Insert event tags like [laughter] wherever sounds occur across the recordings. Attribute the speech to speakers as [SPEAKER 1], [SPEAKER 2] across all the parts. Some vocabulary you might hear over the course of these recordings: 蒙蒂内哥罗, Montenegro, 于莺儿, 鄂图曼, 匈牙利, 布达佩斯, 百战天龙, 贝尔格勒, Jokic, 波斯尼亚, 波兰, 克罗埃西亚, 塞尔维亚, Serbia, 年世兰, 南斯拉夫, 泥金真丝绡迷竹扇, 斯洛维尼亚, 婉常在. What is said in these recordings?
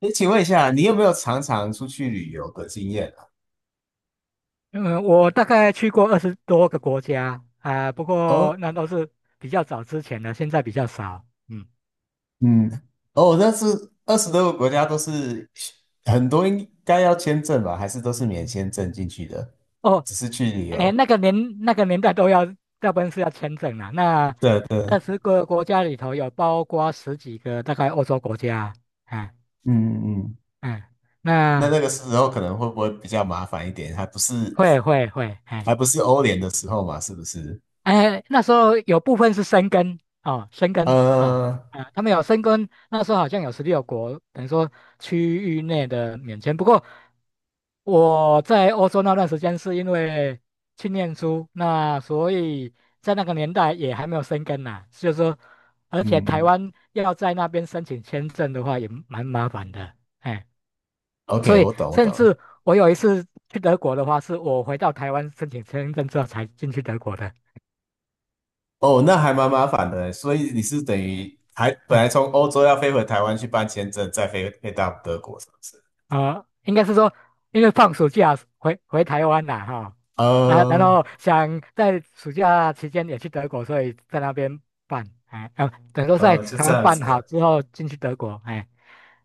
[SPEAKER 1] 诶，请问一下，你有没有常常出去旅游的经验啊？
[SPEAKER 2] 嗯，我大概去过20多个国家啊，不
[SPEAKER 1] 哦，
[SPEAKER 2] 过那都是比较早之前的，现在比较少。嗯，
[SPEAKER 1] 嗯，哦，那是二十多个国家都是很多应该要签证吧？还是都是免签证进去的？
[SPEAKER 2] 哦，
[SPEAKER 1] 只是去旅
[SPEAKER 2] 哎，
[SPEAKER 1] 游？
[SPEAKER 2] 那个年代都要，大部分是要签证啦。那
[SPEAKER 1] 对对，
[SPEAKER 2] 二
[SPEAKER 1] 嗯
[SPEAKER 2] 十个国家里头有包括10几个大概欧洲国家，哎，
[SPEAKER 1] 嗯嗯。
[SPEAKER 2] 嗯，
[SPEAKER 1] 那
[SPEAKER 2] 那
[SPEAKER 1] 那个时候可能会不会比较麻烦一点？还不是
[SPEAKER 2] 会，哎
[SPEAKER 1] 还不是欧联的时候嘛？是不是？
[SPEAKER 2] 哎，那时候有部分是申根哦，申根啊。
[SPEAKER 1] 呃，
[SPEAKER 2] 啊，他们有申根，那时候好像有16国，等于说区域内的免签。不过我在欧洲那段时间是因为去念书，那所以在那个年代也还没有生根呐，所以说，而且台
[SPEAKER 1] 嗯
[SPEAKER 2] 湾要在那边申请签证的话也蛮麻烦的，哎，所
[SPEAKER 1] ，OK，
[SPEAKER 2] 以
[SPEAKER 1] 我懂我
[SPEAKER 2] 甚
[SPEAKER 1] 懂。
[SPEAKER 2] 至我有一次去德国的话，是我回到台湾申请签证之后才进去德国的，
[SPEAKER 1] 哦，那还蛮麻烦的欸，所以你是等于还本来
[SPEAKER 2] 嗯。
[SPEAKER 1] 从欧洲要飞回台湾去办签证，再飞到德国，是不是？
[SPEAKER 2] 啊，应该是说，因为放暑假回台湾啦，哈，啊，然
[SPEAKER 1] 呃
[SPEAKER 2] 后想在暑假期间也去德国，所以在那边办，哎，啊，等于说在
[SPEAKER 1] 就
[SPEAKER 2] 台
[SPEAKER 1] 这
[SPEAKER 2] 湾
[SPEAKER 1] 样
[SPEAKER 2] 办
[SPEAKER 1] 子
[SPEAKER 2] 好
[SPEAKER 1] 了。
[SPEAKER 2] 之后进去德国，哎，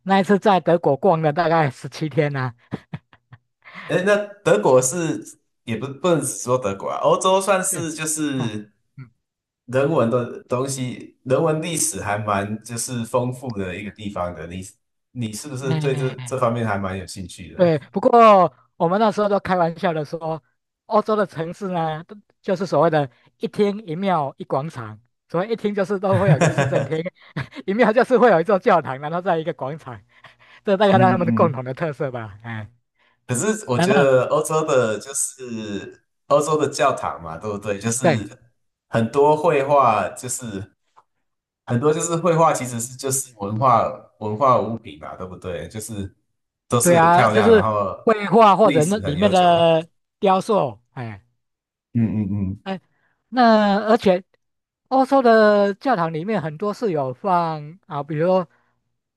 [SPEAKER 2] 那一次在德国逛了大概17天呐。啊，
[SPEAKER 1] 哎，那德国是也不能只说德国啊，欧洲算
[SPEAKER 2] 对，
[SPEAKER 1] 是就
[SPEAKER 2] 嗯
[SPEAKER 1] 是人文的东西，人文历史还蛮就是丰富的一个地方的。你是不是
[SPEAKER 2] 嗯，
[SPEAKER 1] 对这
[SPEAKER 2] 哎。
[SPEAKER 1] 方面还蛮有兴趣的？
[SPEAKER 2] 对，不过我们那时候都开玩笑的说，欧洲的城市呢，都就是所谓的一厅一庙一广场。所谓一厅就是都会有一个市政
[SPEAKER 1] [laughs]
[SPEAKER 2] 厅，[laughs] 一庙就是会有一座教堂，然后在一个广场，[laughs] 这大概他
[SPEAKER 1] 嗯
[SPEAKER 2] 们的共
[SPEAKER 1] 嗯。
[SPEAKER 2] 同的特色吧。哎，
[SPEAKER 1] 可是我
[SPEAKER 2] 那
[SPEAKER 1] 觉
[SPEAKER 2] 那
[SPEAKER 1] 得欧洲的，就是欧洲的教堂嘛，对不对？就是
[SPEAKER 2] 对，
[SPEAKER 1] 很多绘画，就是很多就是绘画，其实是就是文化物品嘛，对不对？就是都是
[SPEAKER 2] 对
[SPEAKER 1] 很
[SPEAKER 2] 啊，
[SPEAKER 1] 漂
[SPEAKER 2] 就
[SPEAKER 1] 亮，然
[SPEAKER 2] 是
[SPEAKER 1] 后
[SPEAKER 2] 绘画或
[SPEAKER 1] 历
[SPEAKER 2] 者那
[SPEAKER 1] 史
[SPEAKER 2] 里
[SPEAKER 1] 很
[SPEAKER 2] 面
[SPEAKER 1] 悠久。
[SPEAKER 2] 的雕塑，哎。
[SPEAKER 1] 嗯嗯
[SPEAKER 2] 哎，那而且欧洲的教堂里面很多是有放啊，比如说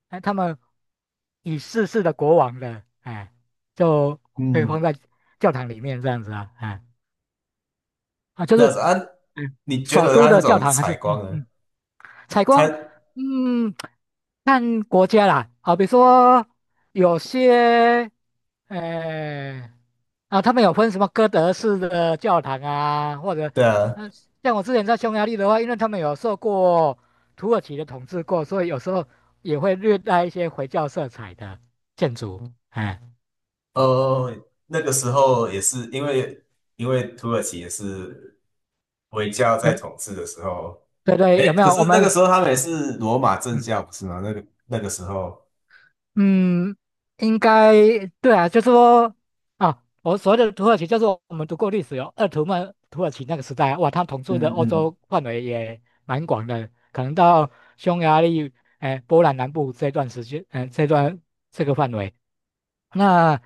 [SPEAKER 2] 哎他们已逝世的国王的，哎，就
[SPEAKER 1] 嗯
[SPEAKER 2] 会放
[SPEAKER 1] 嗯，
[SPEAKER 2] 在教堂里面这样子啊，哎，啊，就
[SPEAKER 1] 这
[SPEAKER 2] 是
[SPEAKER 1] 样子啊？
[SPEAKER 2] 嗯，
[SPEAKER 1] 你觉
[SPEAKER 2] 首
[SPEAKER 1] 得
[SPEAKER 2] 都
[SPEAKER 1] 它那
[SPEAKER 2] 的教
[SPEAKER 1] 种
[SPEAKER 2] 堂还是
[SPEAKER 1] 采
[SPEAKER 2] 嗯
[SPEAKER 1] 光呢？
[SPEAKER 2] 嗯。采光，
[SPEAKER 1] 它
[SPEAKER 2] 嗯，看国家啦，好比说有些，呃，啊，他们有分什么哥德式的教堂啊，或者，
[SPEAKER 1] 对啊，
[SPEAKER 2] 嗯，像我之前在匈牙利的话，因为他们有受过土耳其的统治过，所以有时候也会略带一些回教色彩的建筑，哎，
[SPEAKER 1] 哦，那个时候也是因为土耳其也是。回教在
[SPEAKER 2] 有，
[SPEAKER 1] 统治的时候，
[SPEAKER 2] 对对，
[SPEAKER 1] 哎，
[SPEAKER 2] 有没
[SPEAKER 1] 可
[SPEAKER 2] 有？
[SPEAKER 1] 是
[SPEAKER 2] 我
[SPEAKER 1] 那
[SPEAKER 2] 们，
[SPEAKER 1] 个时候他们也是罗马正
[SPEAKER 2] 嗯
[SPEAKER 1] 教，不是吗？那个时候，
[SPEAKER 2] 嗯，应该对啊，就是说啊，我所谓的土耳其，就是我们读过历史有鄂图曼土耳其那个时代啊，哇，他统治的
[SPEAKER 1] 嗯
[SPEAKER 2] 欧
[SPEAKER 1] 嗯，
[SPEAKER 2] 洲范围也蛮广的，可能到匈牙利、哎、波兰南部这段时间，嗯，这段这个范围，那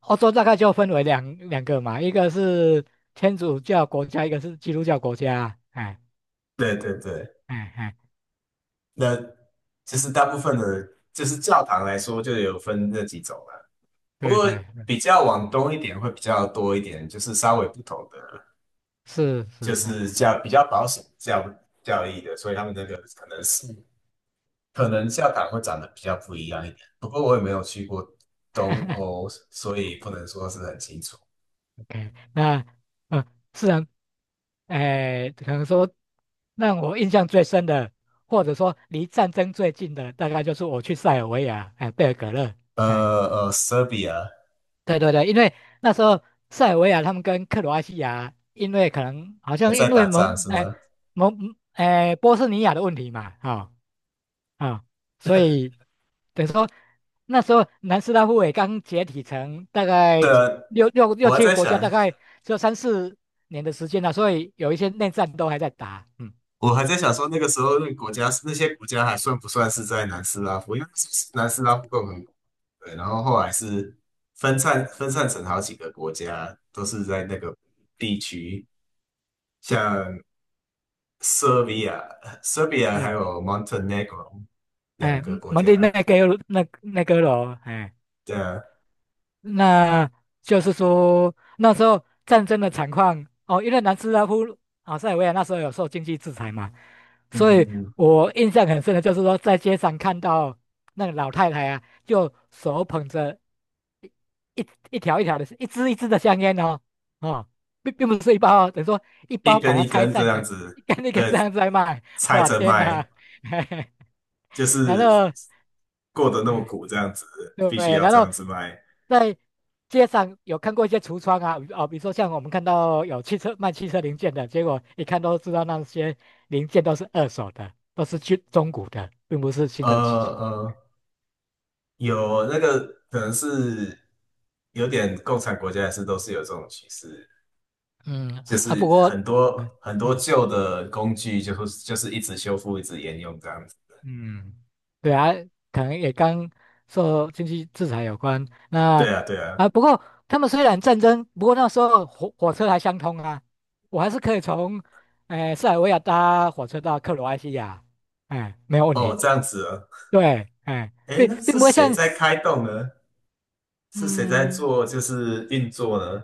[SPEAKER 2] 欧洲大概就分为两个嘛，一个是天主教国家，一个是基督教国家，哎
[SPEAKER 1] 对对对，
[SPEAKER 2] 哎哎，
[SPEAKER 1] 那其实大部分的，就是教堂来说，就有分那几种了。不
[SPEAKER 2] 对
[SPEAKER 1] 过
[SPEAKER 2] 对，
[SPEAKER 1] 比较往东一点会比较多一点，就是稍微不同的，
[SPEAKER 2] 是
[SPEAKER 1] 就
[SPEAKER 2] 是，哎。
[SPEAKER 1] 是教比较保守的教义的，所以他们那个可能教堂会长得比较不一样一点。不过我也没有去过东
[SPEAKER 2] [laughs]
[SPEAKER 1] 欧，所以不能说是很清楚。
[SPEAKER 2] OK，那呃，是然，哎，可能说让我印象最深的，或者说离战争最近的，大概就是我去塞尔维亚，哎、贝尔格勒，哎，
[SPEAKER 1] 呃Serbia
[SPEAKER 2] 对对对，因为那时候塞尔维亚他们跟克罗埃西亚，因为可能好
[SPEAKER 1] 也
[SPEAKER 2] 像
[SPEAKER 1] 在
[SPEAKER 2] 因为
[SPEAKER 1] 打仗
[SPEAKER 2] 蒙，
[SPEAKER 1] 是
[SPEAKER 2] 哎、
[SPEAKER 1] 吗？
[SPEAKER 2] 蒙，哎，波斯尼亚的问题嘛。啊，啊，所以等于说那时候南斯拉夫也刚解体成大
[SPEAKER 1] 对
[SPEAKER 2] 概
[SPEAKER 1] 啊，
[SPEAKER 2] 六六六
[SPEAKER 1] 我还
[SPEAKER 2] 七个
[SPEAKER 1] 在
[SPEAKER 2] 国家，大
[SPEAKER 1] 想，
[SPEAKER 2] 概只有三四年的时间了，所以有一些内战都还在打。嗯，
[SPEAKER 1] 我还在想说那个时候那个国家那些国家还算不算是在南斯拉夫？因为是南斯拉夫共和国，对，然后后来是分散成好几个国家，都是在那个地区，像 Serbia、Serbia 还
[SPEAKER 2] 对，
[SPEAKER 1] 有 Montenegro 两
[SPEAKER 2] 哎，
[SPEAKER 1] 个国
[SPEAKER 2] 蒙
[SPEAKER 1] 家，
[SPEAKER 2] 蒂内哥那那哥罗，哎。
[SPEAKER 1] 对啊，
[SPEAKER 2] 那就是说那时候战争的惨况哦，因为南斯拉夫啊塞尔维亚那时候有受经济制裁嘛，所
[SPEAKER 1] 嗯
[SPEAKER 2] 以
[SPEAKER 1] 嗯，
[SPEAKER 2] 我印象很深的就是说在街上看到那个老太太啊，就手捧着一条一条的，一支一支的香烟哦，哦，并不是一包哦，等于说一
[SPEAKER 1] 一
[SPEAKER 2] 包把
[SPEAKER 1] 根一
[SPEAKER 2] 它拆
[SPEAKER 1] 根这
[SPEAKER 2] 散
[SPEAKER 1] 样
[SPEAKER 2] 成一
[SPEAKER 1] 子，
[SPEAKER 2] 根一根
[SPEAKER 1] 对，
[SPEAKER 2] 这样子来卖。
[SPEAKER 1] 拆
[SPEAKER 2] 哇，
[SPEAKER 1] 着
[SPEAKER 2] 天哪，
[SPEAKER 1] 卖。就
[SPEAKER 2] [laughs] 然
[SPEAKER 1] 是
[SPEAKER 2] 后。
[SPEAKER 1] 过得那么
[SPEAKER 2] 嗯，
[SPEAKER 1] 苦，这样子
[SPEAKER 2] 对，不
[SPEAKER 1] 必须
[SPEAKER 2] 对？
[SPEAKER 1] 要
[SPEAKER 2] 然
[SPEAKER 1] 这
[SPEAKER 2] 后
[SPEAKER 1] 样子卖。
[SPEAKER 2] 在街上有看过一些橱窗啊，啊，比如说像我们看到有汽车卖汽车零件的，结果一看都知道那些零件都是二手的，都是去中古的，并不是新
[SPEAKER 1] 呃
[SPEAKER 2] 的汽，
[SPEAKER 1] 呃，有那个可能是有点共产国家也是都是有这种趋势，
[SPEAKER 2] 嗯
[SPEAKER 1] 就
[SPEAKER 2] 啊，不
[SPEAKER 1] 是
[SPEAKER 2] 过，
[SPEAKER 1] 很多很多
[SPEAKER 2] 嗯
[SPEAKER 1] 旧的工具就是一直修复，一直沿用这样子。
[SPEAKER 2] 嗯，对啊，可能也跟受经济制裁有关。
[SPEAKER 1] 对
[SPEAKER 2] 那
[SPEAKER 1] 啊，对啊，
[SPEAKER 2] 啊，不过他们虽然战争，不过那时候火车还相通啊，我还是可以从，塞尔维亚搭火车到克罗埃西亚，哎，没有问
[SPEAKER 1] 哦，
[SPEAKER 2] 题。
[SPEAKER 1] 这样子啊，
[SPEAKER 2] 对，哎，
[SPEAKER 1] 诶，
[SPEAKER 2] 并
[SPEAKER 1] 那
[SPEAKER 2] 并
[SPEAKER 1] 是
[SPEAKER 2] 不会
[SPEAKER 1] 谁
[SPEAKER 2] 像，
[SPEAKER 1] 在开动呢？是谁在
[SPEAKER 2] 嗯
[SPEAKER 1] 做就是运作呢？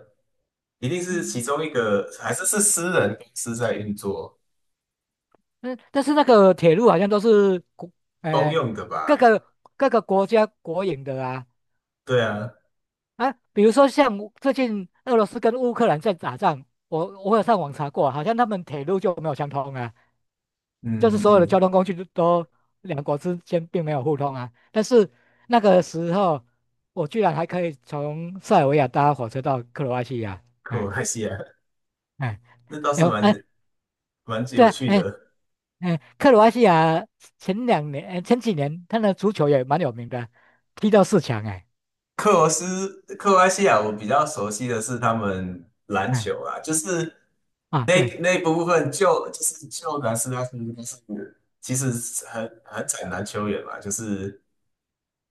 [SPEAKER 1] 一定是其
[SPEAKER 2] 嗯，
[SPEAKER 1] 中一个，还是私人公司在运作，
[SPEAKER 2] 但但是那个铁路好像都是国，
[SPEAKER 1] 公
[SPEAKER 2] 哎，
[SPEAKER 1] 用的吧？
[SPEAKER 2] 各个各个国家国营的啊。
[SPEAKER 1] 对啊，
[SPEAKER 2] 啊，比如说像最近俄罗斯跟乌克兰在打仗，我有上网查过，好像他们铁路就没有相通啊，就是
[SPEAKER 1] 嗯
[SPEAKER 2] 所有的
[SPEAKER 1] 嗯，
[SPEAKER 2] 交通工具都都两国之间并没有互通啊。但是那个时候，我居然还可以从塞尔维亚搭火车到克罗埃西亚，
[SPEAKER 1] 克罗
[SPEAKER 2] 哎
[SPEAKER 1] 埃西亚，[laughs]
[SPEAKER 2] 哎，
[SPEAKER 1] 那倒是
[SPEAKER 2] 然后哎，
[SPEAKER 1] 蛮
[SPEAKER 2] 对
[SPEAKER 1] 有
[SPEAKER 2] 啊，
[SPEAKER 1] 趣
[SPEAKER 2] 哎
[SPEAKER 1] 的。
[SPEAKER 2] 哎，克罗埃西亚前2年哎前几年他的足球也蛮有名的，踢到四强哎，
[SPEAKER 1] 克罗埃西亚，我比较熟悉的是他们篮球
[SPEAKER 2] 哎，
[SPEAKER 1] 啊，就是
[SPEAKER 2] 啊
[SPEAKER 1] 那
[SPEAKER 2] 对，
[SPEAKER 1] 那一部分就是南斯拉夫，但是其实很惨男球员嘛，就是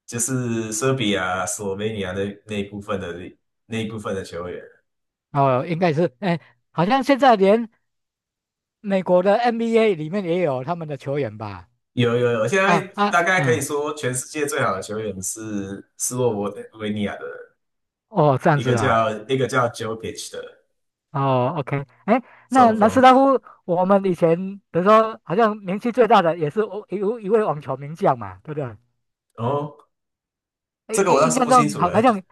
[SPEAKER 1] 就是塞比亚、斯洛维尼亚那一部分的球员，
[SPEAKER 2] 哦应该是哎，好像现在连美国的 NBA 里面也有他们的球员吧？
[SPEAKER 1] 有有有，现在
[SPEAKER 2] 啊，啊，
[SPEAKER 1] 大概可以
[SPEAKER 2] 嗯，
[SPEAKER 1] 说全世界最好的球员是斯洛文维尼亚的人
[SPEAKER 2] 哦，这样
[SPEAKER 1] 一个
[SPEAKER 2] 子啊，
[SPEAKER 1] 叫一个叫 Jokic 的。
[SPEAKER 2] 哦，OK，哎，那
[SPEAKER 1] 中
[SPEAKER 2] 南斯
[SPEAKER 1] 锋。
[SPEAKER 2] 拉夫，我们以前比如说好像名气最大的也是哦一位网球名将嘛，对不对？
[SPEAKER 1] 哦，
[SPEAKER 2] 哎，
[SPEAKER 1] 这个我
[SPEAKER 2] 印
[SPEAKER 1] 倒
[SPEAKER 2] 印
[SPEAKER 1] 是
[SPEAKER 2] 象
[SPEAKER 1] 不清
[SPEAKER 2] 中
[SPEAKER 1] 楚
[SPEAKER 2] 好好
[SPEAKER 1] 哎。
[SPEAKER 2] 像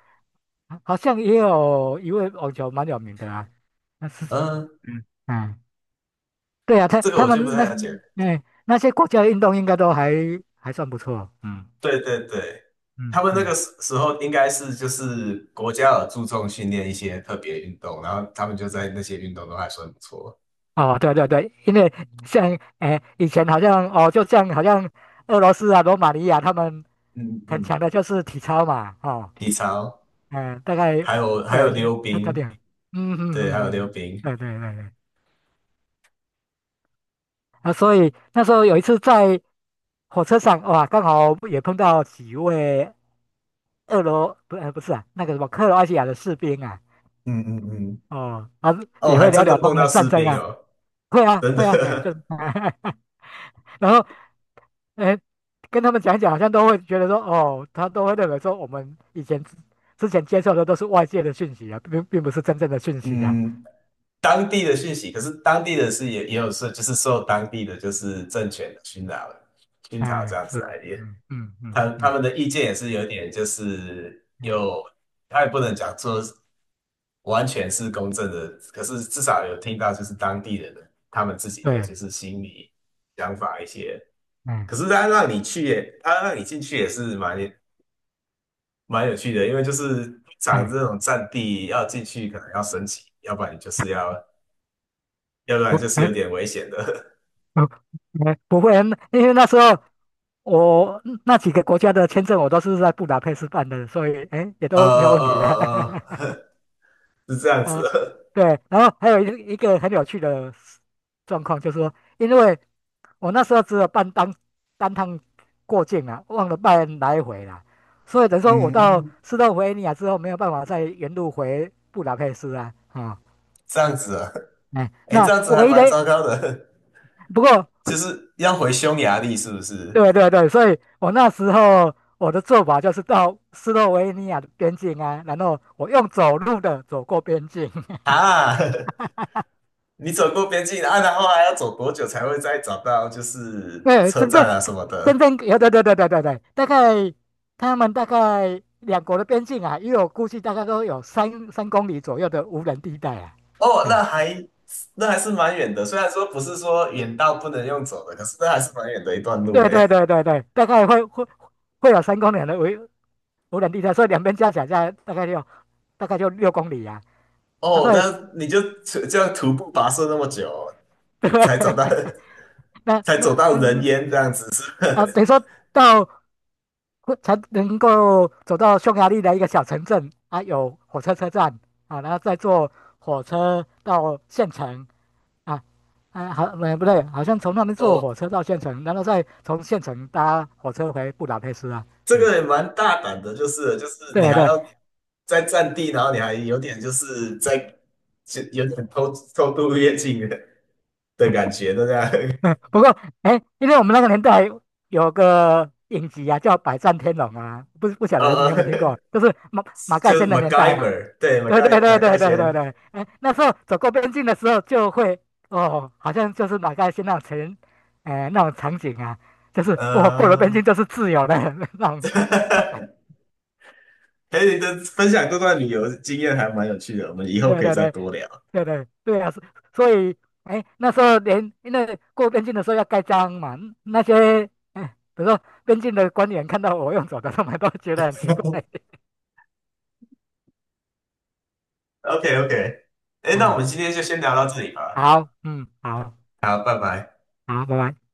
[SPEAKER 2] 好像也有一位网球蛮有名的啊，那是，
[SPEAKER 1] 嗯，
[SPEAKER 2] 嗯嗯，对啊，他
[SPEAKER 1] 这个
[SPEAKER 2] 他
[SPEAKER 1] 我
[SPEAKER 2] 们
[SPEAKER 1] 就不
[SPEAKER 2] 那
[SPEAKER 1] 太
[SPEAKER 2] 些，
[SPEAKER 1] 了解。
[SPEAKER 2] 哎，那些国家运动应该都还还算不错，嗯
[SPEAKER 1] 对对对，他
[SPEAKER 2] 嗯
[SPEAKER 1] 们那个
[SPEAKER 2] 嗯，
[SPEAKER 1] 时候应该是就是国家有注重训练一些特别运动，然后他们就在那些运动都还算不错。
[SPEAKER 2] 哦，对啊对啊对，因为像哎，以前好像哦，就像好像俄罗斯啊、罗马尼亚他们
[SPEAKER 1] 嗯
[SPEAKER 2] 很
[SPEAKER 1] 嗯，
[SPEAKER 2] 强的就是体操嘛，哦，
[SPEAKER 1] 体操，
[SPEAKER 2] 嗯，大概
[SPEAKER 1] 还有还
[SPEAKER 2] 会有
[SPEAKER 1] 有
[SPEAKER 2] 一些
[SPEAKER 1] 溜
[SPEAKER 2] 特特
[SPEAKER 1] 冰，
[SPEAKER 2] 点，嗯嗯
[SPEAKER 1] 对，还有
[SPEAKER 2] 嗯
[SPEAKER 1] 溜
[SPEAKER 2] 嗯，
[SPEAKER 1] 冰。
[SPEAKER 2] 对对对对，啊，所以那时候有一次在火车上，哇，刚好也碰到几位俄罗不呃不是啊，那个什么克罗埃西亚的士兵啊，
[SPEAKER 1] 嗯嗯嗯，
[SPEAKER 2] 哦，啊，
[SPEAKER 1] 哦，
[SPEAKER 2] 也
[SPEAKER 1] 还
[SPEAKER 2] 会聊
[SPEAKER 1] 真的
[SPEAKER 2] 聊他
[SPEAKER 1] 碰
[SPEAKER 2] 们的
[SPEAKER 1] 到
[SPEAKER 2] 战
[SPEAKER 1] 士
[SPEAKER 2] 争
[SPEAKER 1] 兵
[SPEAKER 2] 啊，
[SPEAKER 1] 哦，
[SPEAKER 2] 会啊
[SPEAKER 1] 真
[SPEAKER 2] 会啊，哎，就是
[SPEAKER 1] 的。
[SPEAKER 2] [laughs]。然后，哎，跟他们讲一讲，好像都会觉得说，哦，他都会认为说，我们以前之前接受的都是外界的讯息啊，并并不是真正的讯
[SPEAKER 1] [laughs]
[SPEAKER 2] 息啊。
[SPEAKER 1] 嗯，当地的讯息，可是当地的是也有受，就是受当地的就是政权的熏陶了，熏陶这
[SPEAKER 2] 嗯，
[SPEAKER 1] 样子
[SPEAKER 2] 是，
[SPEAKER 1] 来的。
[SPEAKER 2] 嗯嗯嗯
[SPEAKER 1] 他
[SPEAKER 2] 嗯，
[SPEAKER 1] 他们的意见也是有点，就是
[SPEAKER 2] 嗯，
[SPEAKER 1] 有，他也不能讲说完全是公正的，可是至少有听到就是当地人的他们自己的
[SPEAKER 2] 对，
[SPEAKER 1] 就是心理想法一些。
[SPEAKER 2] 嗯
[SPEAKER 1] 可是他让你去也，他让你进去也是蛮有趣的，因为就是通常这
[SPEAKER 2] 嗯，
[SPEAKER 1] 种战地要进去可能要升级，要不然就是要，要不
[SPEAKER 2] 不，
[SPEAKER 1] 然就是有
[SPEAKER 2] 嗯
[SPEAKER 1] 点危险的。
[SPEAKER 2] 不，哎不会啊，因为那时候我那几个国家的签证我都是在布达佩斯办的，所以哎，也
[SPEAKER 1] [laughs] 呃呃
[SPEAKER 2] 都没有问题啊。
[SPEAKER 1] 呃
[SPEAKER 2] [laughs]
[SPEAKER 1] 呃，[laughs] 是这样
[SPEAKER 2] 嗯，
[SPEAKER 1] 子。[laughs]
[SPEAKER 2] 对，然后还有一个很有趣的状况，就是说，因为我那时候只有办单趟过境啊，忘了办来回啦，所以等于说我到
[SPEAKER 1] 嗯，
[SPEAKER 2] 斯洛维尼亚之后，没有办法再原路回布达佩斯啊，啊，
[SPEAKER 1] 这样子啊，
[SPEAKER 2] 哎，
[SPEAKER 1] [laughs] 哎，这
[SPEAKER 2] 那
[SPEAKER 1] 样子
[SPEAKER 2] 我
[SPEAKER 1] 还
[SPEAKER 2] 唯一
[SPEAKER 1] 蛮
[SPEAKER 2] 的
[SPEAKER 1] 糟糕的。
[SPEAKER 2] 不过，
[SPEAKER 1] 就是要回匈牙利，是不是？
[SPEAKER 2] 对对对，所以我那时候我的做法就是到斯洛维尼亚的边境啊，然后我用走路的走过边境。
[SPEAKER 1] 啊，[laughs] 你走过边境啊，然后还要走多久才会再找到就是
[SPEAKER 2] 对，
[SPEAKER 1] 车
[SPEAKER 2] 真正
[SPEAKER 1] 站啊什么
[SPEAKER 2] 真
[SPEAKER 1] 的？
[SPEAKER 2] 正有对对对对对对，大概他们大概两国的边境啊，因为我估计大概都有三公里左右的无人地带啊，
[SPEAKER 1] 哦，那
[SPEAKER 2] 哎，
[SPEAKER 1] 还那还是蛮远的，虽然说不是说远到不能用走的，可是那还是蛮远的一段路
[SPEAKER 2] 对
[SPEAKER 1] 呢。
[SPEAKER 2] 对对对对，大概会有三公里的无无人地带，所以两边加起来大概就6公里啊。啊，
[SPEAKER 1] 哦，
[SPEAKER 2] 所以
[SPEAKER 1] 那你就这样徒步跋涉那么久，
[SPEAKER 2] [laughs] 对，
[SPEAKER 1] 才找到 [laughs]
[SPEAKER 2] 那
[SPEAKER 1] 才走
[SPEAKER 2] 那
[SPEAKER 1] 到人
[SPEAKER 2] 那
[SPEAKER 1] 烟这样子，是吧？
[SPEAKER 2] 啊，等于说到才能够走到匈牙利的一个小城镇啊，有火车车站啊，然后再坐火车到县城。啊啊，好，不对，好像从那边
[SPEAKER 1] [laughs]
[SPEAKER 2] 坐
[SPEAKER 1] 哦
[SPEAKER 2] 火车到县城，然后再从县城搭火车回布达佩斯啊。
[SPEAKER 1] 这
[SPEAKER 2] 嗯，
[SPEAKER 1] 个也蛮大胆的，就是
[SPEAKER 2] 对
[SPEAKER 1] 你
[SPEAKER 2] 啊
[SPEAKER 1] 还
[SPEAKER 2] 对，
[SPEAKER 1] 要在占地，然后你还有点就是在就有点偷渡越境的感觉，对不对？
[SPEAKER 2] 嗯，不过哎，因为我们那个年代有个影集啊，叫《百战天龙》啊，不不
[SPEAKER 1] [laughs]
[SPEAKER 2] 晓得你
[SPEAKER 1] 呃，
[SPEAKER 2] 有没有听过，
[SPEAKER 1] [laughs]
[SPEAKER 2] 就是马马盖
[SPEAKER 1] 就是
[SPEAKER 2] 先的年代啊。
[SPEAKER 1] MacGyver，对
[SPEAKER 2] 对对
[SPEAKER 1] ，MacGy
[SPEAKER 2] 对
[SPEAKER 1] MacGy
[SPEAKER 2] 对对对
[SPEAKER 1] 先，
[SPEAKER 2] 对，哎，那时候走过边境的时候就会哦，好像就是马盖先那种情，哎，那种场景啊，就是我、哦过了边
[SPEAKER 1] 呃，
[SPEAKER 2] 境就是自由的 [laughs] 那种。
[SPEAKER 1] [laughs] 哎，你的分享这段旅游经验还蛮有趣的，我们以后
[SPEAKER 2] 对
[SPEAKER 1] 可以
[SPEAKER 2] 对
[SPEAKER 1] 再
[SPEAKER 2] 对
[SPEAKER 1] 多聊。
[SPEAKER 2] 对对，对啊，所以哎，那时候连因为过边境的时候要盖章嘛，那些哎，比如说边境的官员看到我用走的，他们都觉得很奇怪。
[SPEAKER 1] [laughs] OK OK，
[SPEAKER 2] [laughs]
[SPEAKER 1] 哎，那
[SPEAKER 2] 嗯，
[SPEAKER 1] 我们今天就先聊到这里吧，
[SPEAKER 2] 好，嗯，好，
[SPEAKER 1] 好，拜拜。
[SPEAKER 2] 好，拜拜。